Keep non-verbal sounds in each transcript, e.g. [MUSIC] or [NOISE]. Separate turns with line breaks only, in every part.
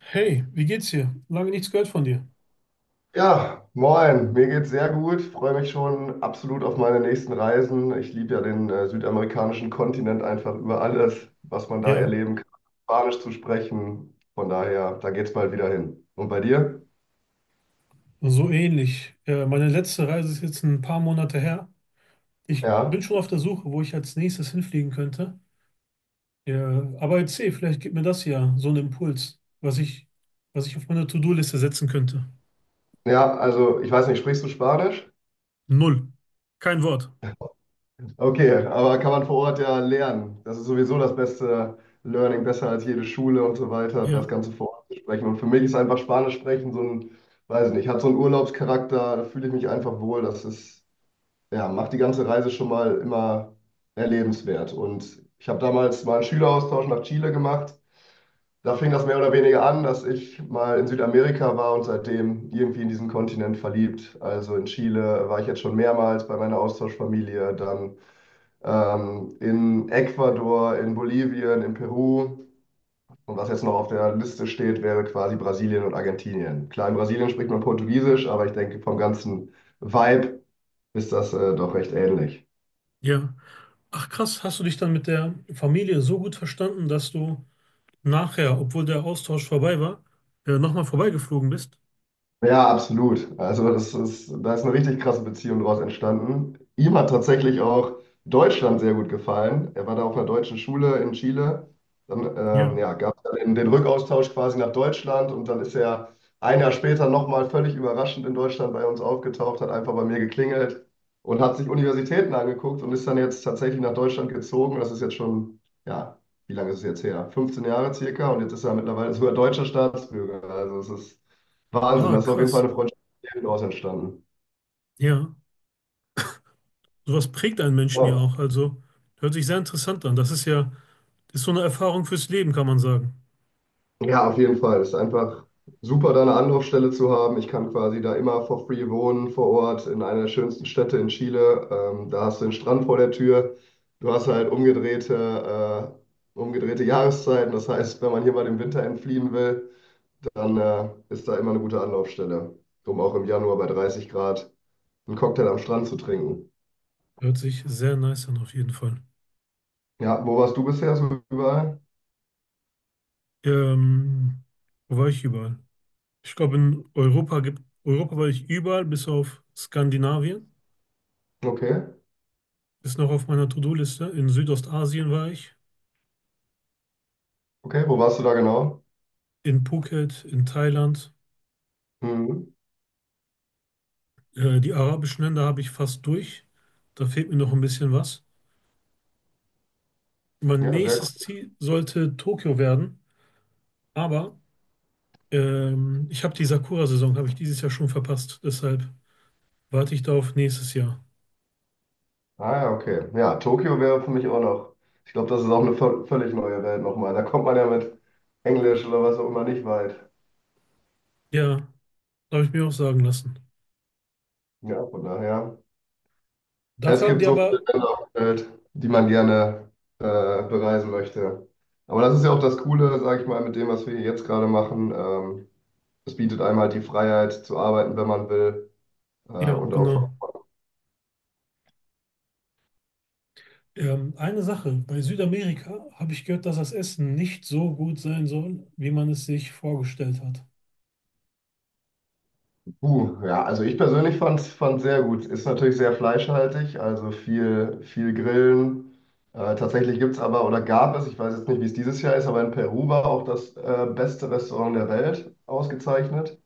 Hey, wie geht's dir? Lange nichts gehört von dir.
Ja, moin, mir geht's sehr gut, freue mich schon absolut auf meine nächsten Reisen. Ich liebe ja den südamerikanischen Kontinent einfach über alles, was man da
Ja,
erleben kann, Spanisch zu sprechen. Von daher, da geht's bald wieder hin. Und bei dir?
so ähnlich. Meine letzte Reise ist jetzt ein paar Monate her. Ich
Ja,
bin schon auf der Suche, wo ich als nächstes hinfliegen könnte. Ja, aber erzähl, vielleicht gibt mir das ja so einen Impuls, was ich auf meine To-Do-Liste setzen könnte.
ja, also ich weiß nicht, sprichst du Spanisch?
Null. Kein Wort.
Okay, aber kann man vor Ort ja lernen. Das ist sowieso das beste Learning, besser als jede Schule und so weiter, das
Ja,
Ganze vor Ort zu sprechen. Und für mich ist einfach Spanisch sprechen so ein, weiß nicht, hat so einen Urlaubscharakter, da fühle ich mich einfach wohl. Das ist ja, macht die ganze Reise schon mal immer erlebenswert. Und ich habe damals mal einen Schüleraustausch nach Chile gemacht. Da fing das mehr oder weniger an, dass ich mal in Südamerika war und seitdem irgendwie in diesen Kontinent verliebt. Also in Chile war ich jetzt schon mehrmals bei meiner Austauschfamilie, dann in Ecuador, in Bolivien, in Peru. Und was jetzt noch auf der Liste steht, wäre quasi Brasilien und Argentinien. Klar, in Brasilien spricht man Portugiesisch, aber ich denke, vom ganzen Vibe ist das doch recht ähnlich.
ja. Ach krass, hast du dich dann mit der Familie so gut verstanden, dass du nachher, obwohl der Austausch vorbei war, nochmal vorbeigeflogen bist?
Ja, absolut. Also das ist, da ist eine richtig krasse Beziehung daraus entstanden. Ihm hat tatsächlich auch Deutschland sehr gut gefallen. Er war da auf einer deutschen Schule in Chile. Dann
Ja.
ja, gab es dann den Rückaustausch quasi nach Deutschland und dann ist er ein Jahr später nochmal völlig überraschend in Deutschland bei uns aufgetaucht, hat einfach bei mir geklingelt und hat sich Universitäten angeguckt und ist dann jetzt tatsächlich nach Deutschland gezogen. Das ist jetzt schon, ja, wie lange ist es jetzt her? 15 Jahre circa, und jetzt ist er mittlerweile sogar deutscher Staatsbürger. Also es ist Wahnsinn,
Ah,
das ist auf jeden Fall
krass.
eine Freundschaft daraus entstanden.
Ja. Sowas prägt einen Menschen ja
Ja,
auch. Also hört sich sehr interessant an. Das ist so eine Erfahrung fürs Leben, kann man sagen.
Ja, auf jeden Fall. Es ist einfach super, da eine Anlaufstelle zu haben. Ich kann quasi da immer for free wohnen vor Ort in einer der schönsten Städte in Chile. Da hast du den Strand vor der Tür. Du hast halt umgedrehte Jahreszeiten. Das heißt, wenn man hier mal dem Winter entfliehen will, dann ist da immer eine gute Anlaufstelle, um auch im Januar bei 30 Grad einen Cocktail am Strand zu trinken.
Hört sich sehr nice an, auf jeden Fall.
Ja, wo warst du bisher so überall?
Ähm, Wo war ich überall? Ich glaube, Europa war ich überall, bis auf Skandinavien.
Okay,
Ist noch auf meiner To-Do-Liste. In Südostasien war ich,
okay, wo warst du da genau?
in Phuket, in Thailand.
Mhm.
Die arabischen Länder habe ich fast durch. Da fehlt mir noch ein bisschen was. Mein
Ja, sehr gut.
nächstes Ziel sollte Tokio werden, aber ich habe die Sakura-Saison, habe ich dieses Jahr schon verpasst. Deshalb warte ich da auf nächstes Jahr.
Ah, ja, okay. Ja, Tokio wäre für mich auch noch. Ich glaube, das ist auch eine völlig neue Welt nochmal. Da kommt man ja mit Englisch oder was auch immer nicht weit.
Ja, habe ich mir auch sagen lassen.
Ja, von daher. Es
Dafür haben
gibt
die
so viele
aber,
Länder auf der Welt, die man gerne bereisen möchte. Aber das ist ja auch das Coole, sage ich mal, mit dem, was wir hier jetzt gerade machen. Es bietet einem halt die Freiheit zu arbeiten, wenn man will,
ja,
und auch.
genau. Eine Sache, bei Südamerika habe ich gehört, dass das Essen nicht so gut sein soll, wie man es sich vorgestellt hat.
Ja, also ich persönlich fand es sehr gut. Ist natürlich sehr fleischhaltig, also viel, viel Grillen. Tatsächlich gibt es aber oder gab es, ich weiß jetzt nicht, wie es dieses Jahr ist, aber in Peru war auch das beste Restaurant der Welt ausgezeichnet.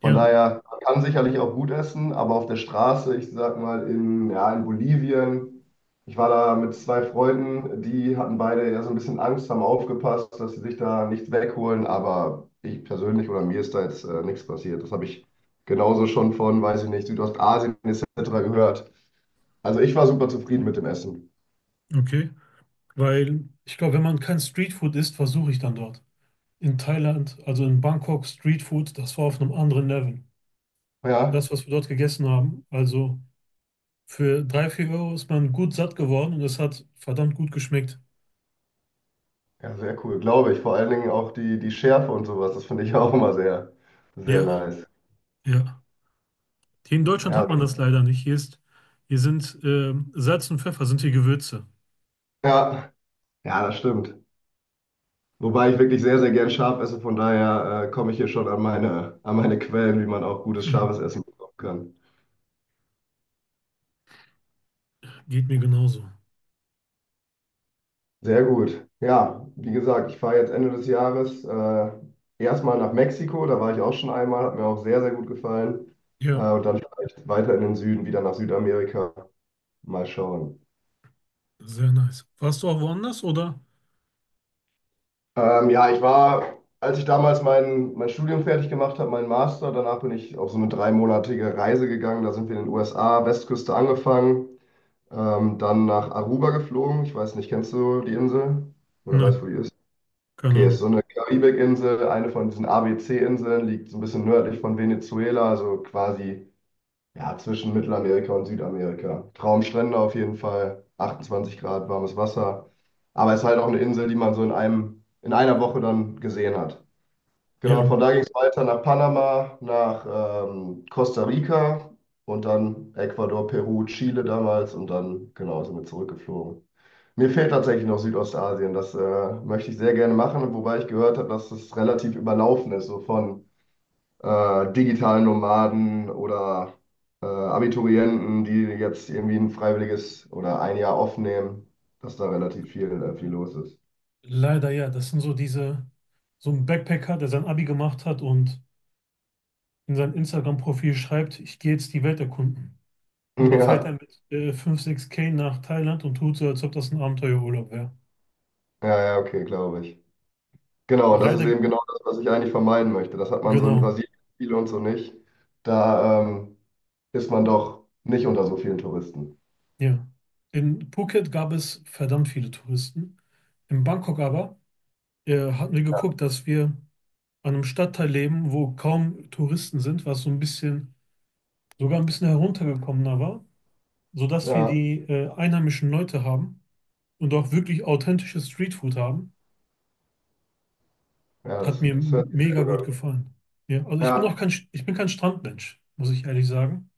Von
Ja,
daher, man kann sicherlich auch gut essen, aber auf der Straße, ich sag mal in, ja, in Bolivien, ich war da mit zwei Freunden, die hatten beide ja so ein bisschen Angst, haben aufgepasst, dass sie sich da nichts wegholen, aber ich persönlich oder mir ist da jetzt nichts passiert. Das habe ich genauso schon von, weiß ich nicht, Südostasien etc. gehört. Also ich war super zufrieden mit dem Essen.
okay. Weil ich glaube, wenn man kein Streetfood isst, versuche ich dann dort. In Thailand, also in Bangkok, Streetfood, das war auf einem anderen Level.
Ja,
Das, was wir dort gegessen haben, also. Für 3 4 Euro ist man gut satt geworden und es hat verdammt gut geschmeckt.
ja, sehr cool, glaube ich. Vor allen Dingen auch die Schärfe und sowas, das finde ich [LAUGHS] auch immer sehr, sehr
Ja,
nice.
ja. Hier in Deutschland
Ja,
hat man das leider nicht. Hier sind Salz und Pfeffer sind hier Gewürze.
ja, ja, das stimmt. Wobei ich wirklich sehr, sehr gern scharf esse, von daher komme ich hier schon an meine, Quellen, wie man auch gutes
Mhm.
scharfes Essen bekommen kann.
Geht mir genauso.
Sehr gut. Ja, wie gesagt, ich fahre jetzt Ende des Jahres erstmal nach Mexiko, da war ich auch schon einmal, hat mir auch sehr, sehr gut gefallen.
Ja,
Und dann vielleicht weiter in den Süden, wieder nach Südamerika. Mal schauen.
sehr nice. Warst du auch woanders oder?
Ja, ich war, als ich damals mein Studium fertig gemacht habe, meinen Master, danach bin ich auf so eine dreimonatige Reise gegangen. Da sind wir in den USA, Westküste angefangen, dann nach Aruba geflogen. Ich weiß nicht, kennst du die Insel? Oder weißt
Nein,
du, wo die ist?
keine
Okay, ist
Ahnung.
so eine Karibikinsel, eine von diesen ABC-Inseln, liegt so ein bisschen nördlich von Venezuela, also quasi ja, zwischen Mittelamerika und Südamerika. Traumstrände auf jeden Fall, 28 Grad warmes Wasser. Aber es ist halt auch eine Insel, die man so in einer Woche dann gesehen hat. Genau, und
Ja,
von da ging es weiter nach Panama, nach Costa Rica und dann Ecuador, Peru, Chile damals und dann, genau, sind wir zurückgeflogen. Mir fehlt tatsächlich noch Südostasien. Das möchte ich sehr gerne machen, wobei ich gehört habe, dass es relativ überlaufen ist, so von digitalen Nomaden oder Abiturienten, die jetzt irgendwie ein freiwilliges oder ein Jahr aufnehmen, dass da relativ viel los ist.
leider ja. Das sind so diese, so ein Backpacker, der sein Abi gemacht hat und in sein Instagram-Profil schreibt, ich gehe jetzt die Welt erkunden.
[LAUGHS]
Und dann fährt
Ja,
er mit 5, 6K nach Thailand und tut so, als ob das ein Abenteuerurlaub wäre.
ja, ja, okay, glaube ich. Genau, und das ist
Leider,
eben genau das, was ich eigentlich vermeiden möchte. Das hat man so in
genau,
Brasilien viel und so nicht. Da ist man doch nicht unter so vielen Touristen.
ja. In Phuket gab es verdammt viele Touristen. In Bangkok aber hatten wir geguckt, dass wir an einem Stadtteil leben, wo kaum Touristen sind, was so ein bisschen, sogar ein bisschen heruntergekommener war, sodass wir
Ja,
die einheimischen Leute haben und auch wirklich authentisches Streetfood haben.
ja,
Hat
das,
mir
das hört sich sehr
mega
gut
gut
an.
gefallen. Ja, also
Ja,
ich bin kein Strandmensch, muss ich ehrlich sagen.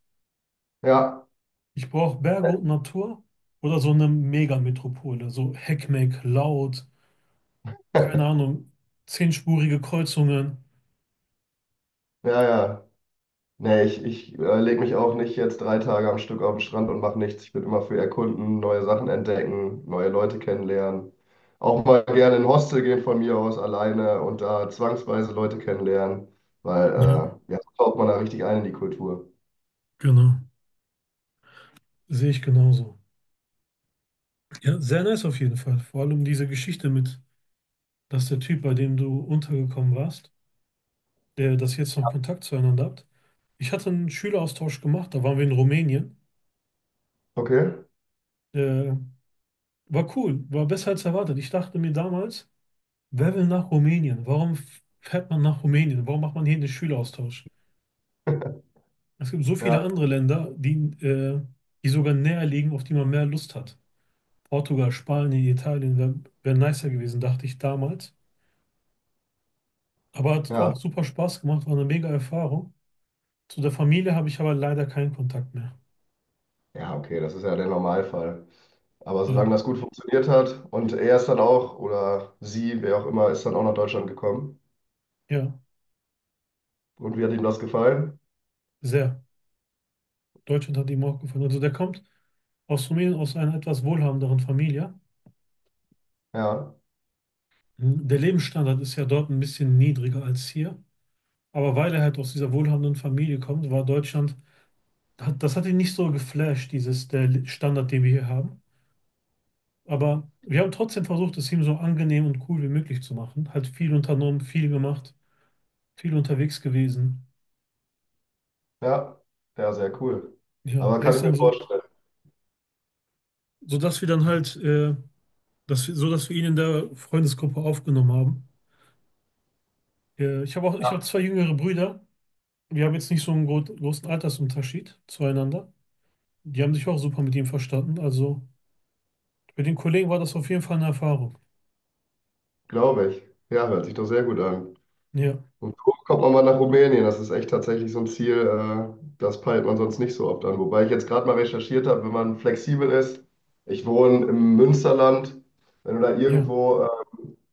ja,
Ich brauche Berge und Natur oder so eine Megametropole, so Heckmeck, laut, keine
[LAUGHS]
Ahnung, zehnspurige Kreuzungen.
ja, ja. Nee, ich lege mich auch nicht jetzt 3 Tage am Stück auf den Strand und mache nichts. Ich bin immer für Erkunden, neue Sachen entdecken, neue Leute kennenlernen. Auch mal gerne in ein Hostel gehen von mir aus alleine und da zwangsweise Leute kennenlernen, weil
Ja,
ja, so taucht man da richtig ein in die Kultur.
genau. Sehe ich genauso. Ja, sehr nice auf jeden Fall. Vor allem diese Geschichte mit, dass der Typ, bei dem du untergekommen warst, der das jetzt noch Kontakt zueinander habt. Ich hatte einen Schüleraustausch gemacht, da waren wir in Rumänien.
Okay,
Äh, war cool, war besser als erwartet. Ich dachte mir damals, wer will nach Rumänien? Warum fährt man nach Rumänien? Warum macht man hier den Schüleraustausch? Es gibt so viele
ja,
andere Länder, die, äh, die sogar näher liegen, auf die man mehr Lust hat. Portugal, Spanien, Italien wär nicer gewesen, dachte ich damals. Aber hat
ja.
auch super Spaß gemacht, war eine mega Erfahrung. Zu der Familie habe ich aber leider keinen Kontakt mehr.
Ja, okay, das ist ja der Normalfall. Aber solange
Ja,
das gut funktioniert hat, und er ist dann auch, oder sie, wer auch immer, ist dann auch nach Deutschland gekommen.
ja,
Und wie hat ihm das gefallen?
sehr. Deutschland hat ihm auch gefallen. Also der kommt aus Rumänien, aus einer etwas wohlhabenderen Familie.
Ja.
Mhm. Der Lebensstandard ist ja dort ein bisschen niedriger als hier. Aber weil er halt aus dieser wohlhabenden Familie kommt, war Deutschland das hat ihn nicht so geflasht, dieses der Standard, den wir hier haben. Aber wir haben trotzdem versucht, es ihm so angenehm und cool wie möglich zu machen. Hat viel unternommen, viel gemacht, viel unterwegs gewesen.
Ja, ja, sehr cool.
Ja,
Aber
er
kann
ist
ich mir
dann so,
vorstellen,
so dass wir dann halt, dass wir, so dass wir ihn in der Freundesgruppe aufgenommen haben. Ich habe zwei jüngere Brüder. Wir haben jetzt nicht so einen großen Altersunterschied zueinander. Die haben sich auch super mit ihm verstanden. Also für den Kollegen war das auf jeden Fall eine Erfahrung.
glaube ich. Ja, hört sich doch sehr gut an.
Ja,
Und so kommt man mal nach Rumänien. Das ist echt tatsächlich so ein Ziel, das peilt man sonst nicht so oft an. Wobei ich jetzt gerade mal recherchiert habe, wenn man flexibel ist. Ich wohne im Münsterland. Wenn du da
ja,
irgendwo,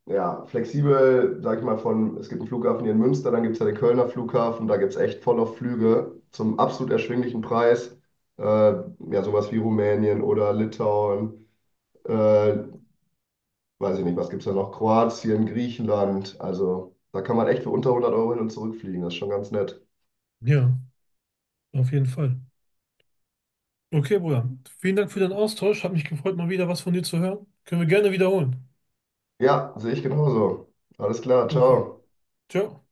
ja, flexibel, sag ich mal, von, es gibt einen Flughafen hier in Münster, dann gibt es ja den Kölner Flughafen, da gibt es echt voll auf Flüge zum absolut erschwinglichen Preis. Ja, sowas wie Rumänien oder Litauen äh, weiß ich nicht, was gibt es da noch? Kroatien, Griechenland. Also da kann man echt für unter 100 € hin und zurückfliegen. Das ist schon ganz nett.
ja, auf jeden Fall. Okay, Bruder. Vielen Dank für den Austausch. Hat mich gefreut, mal wieder was von dir zu hören. Können wir gerne wiederholen.
Ja, sehe ich genauso. Alles klar,
Okay.
ciao.
Ciao.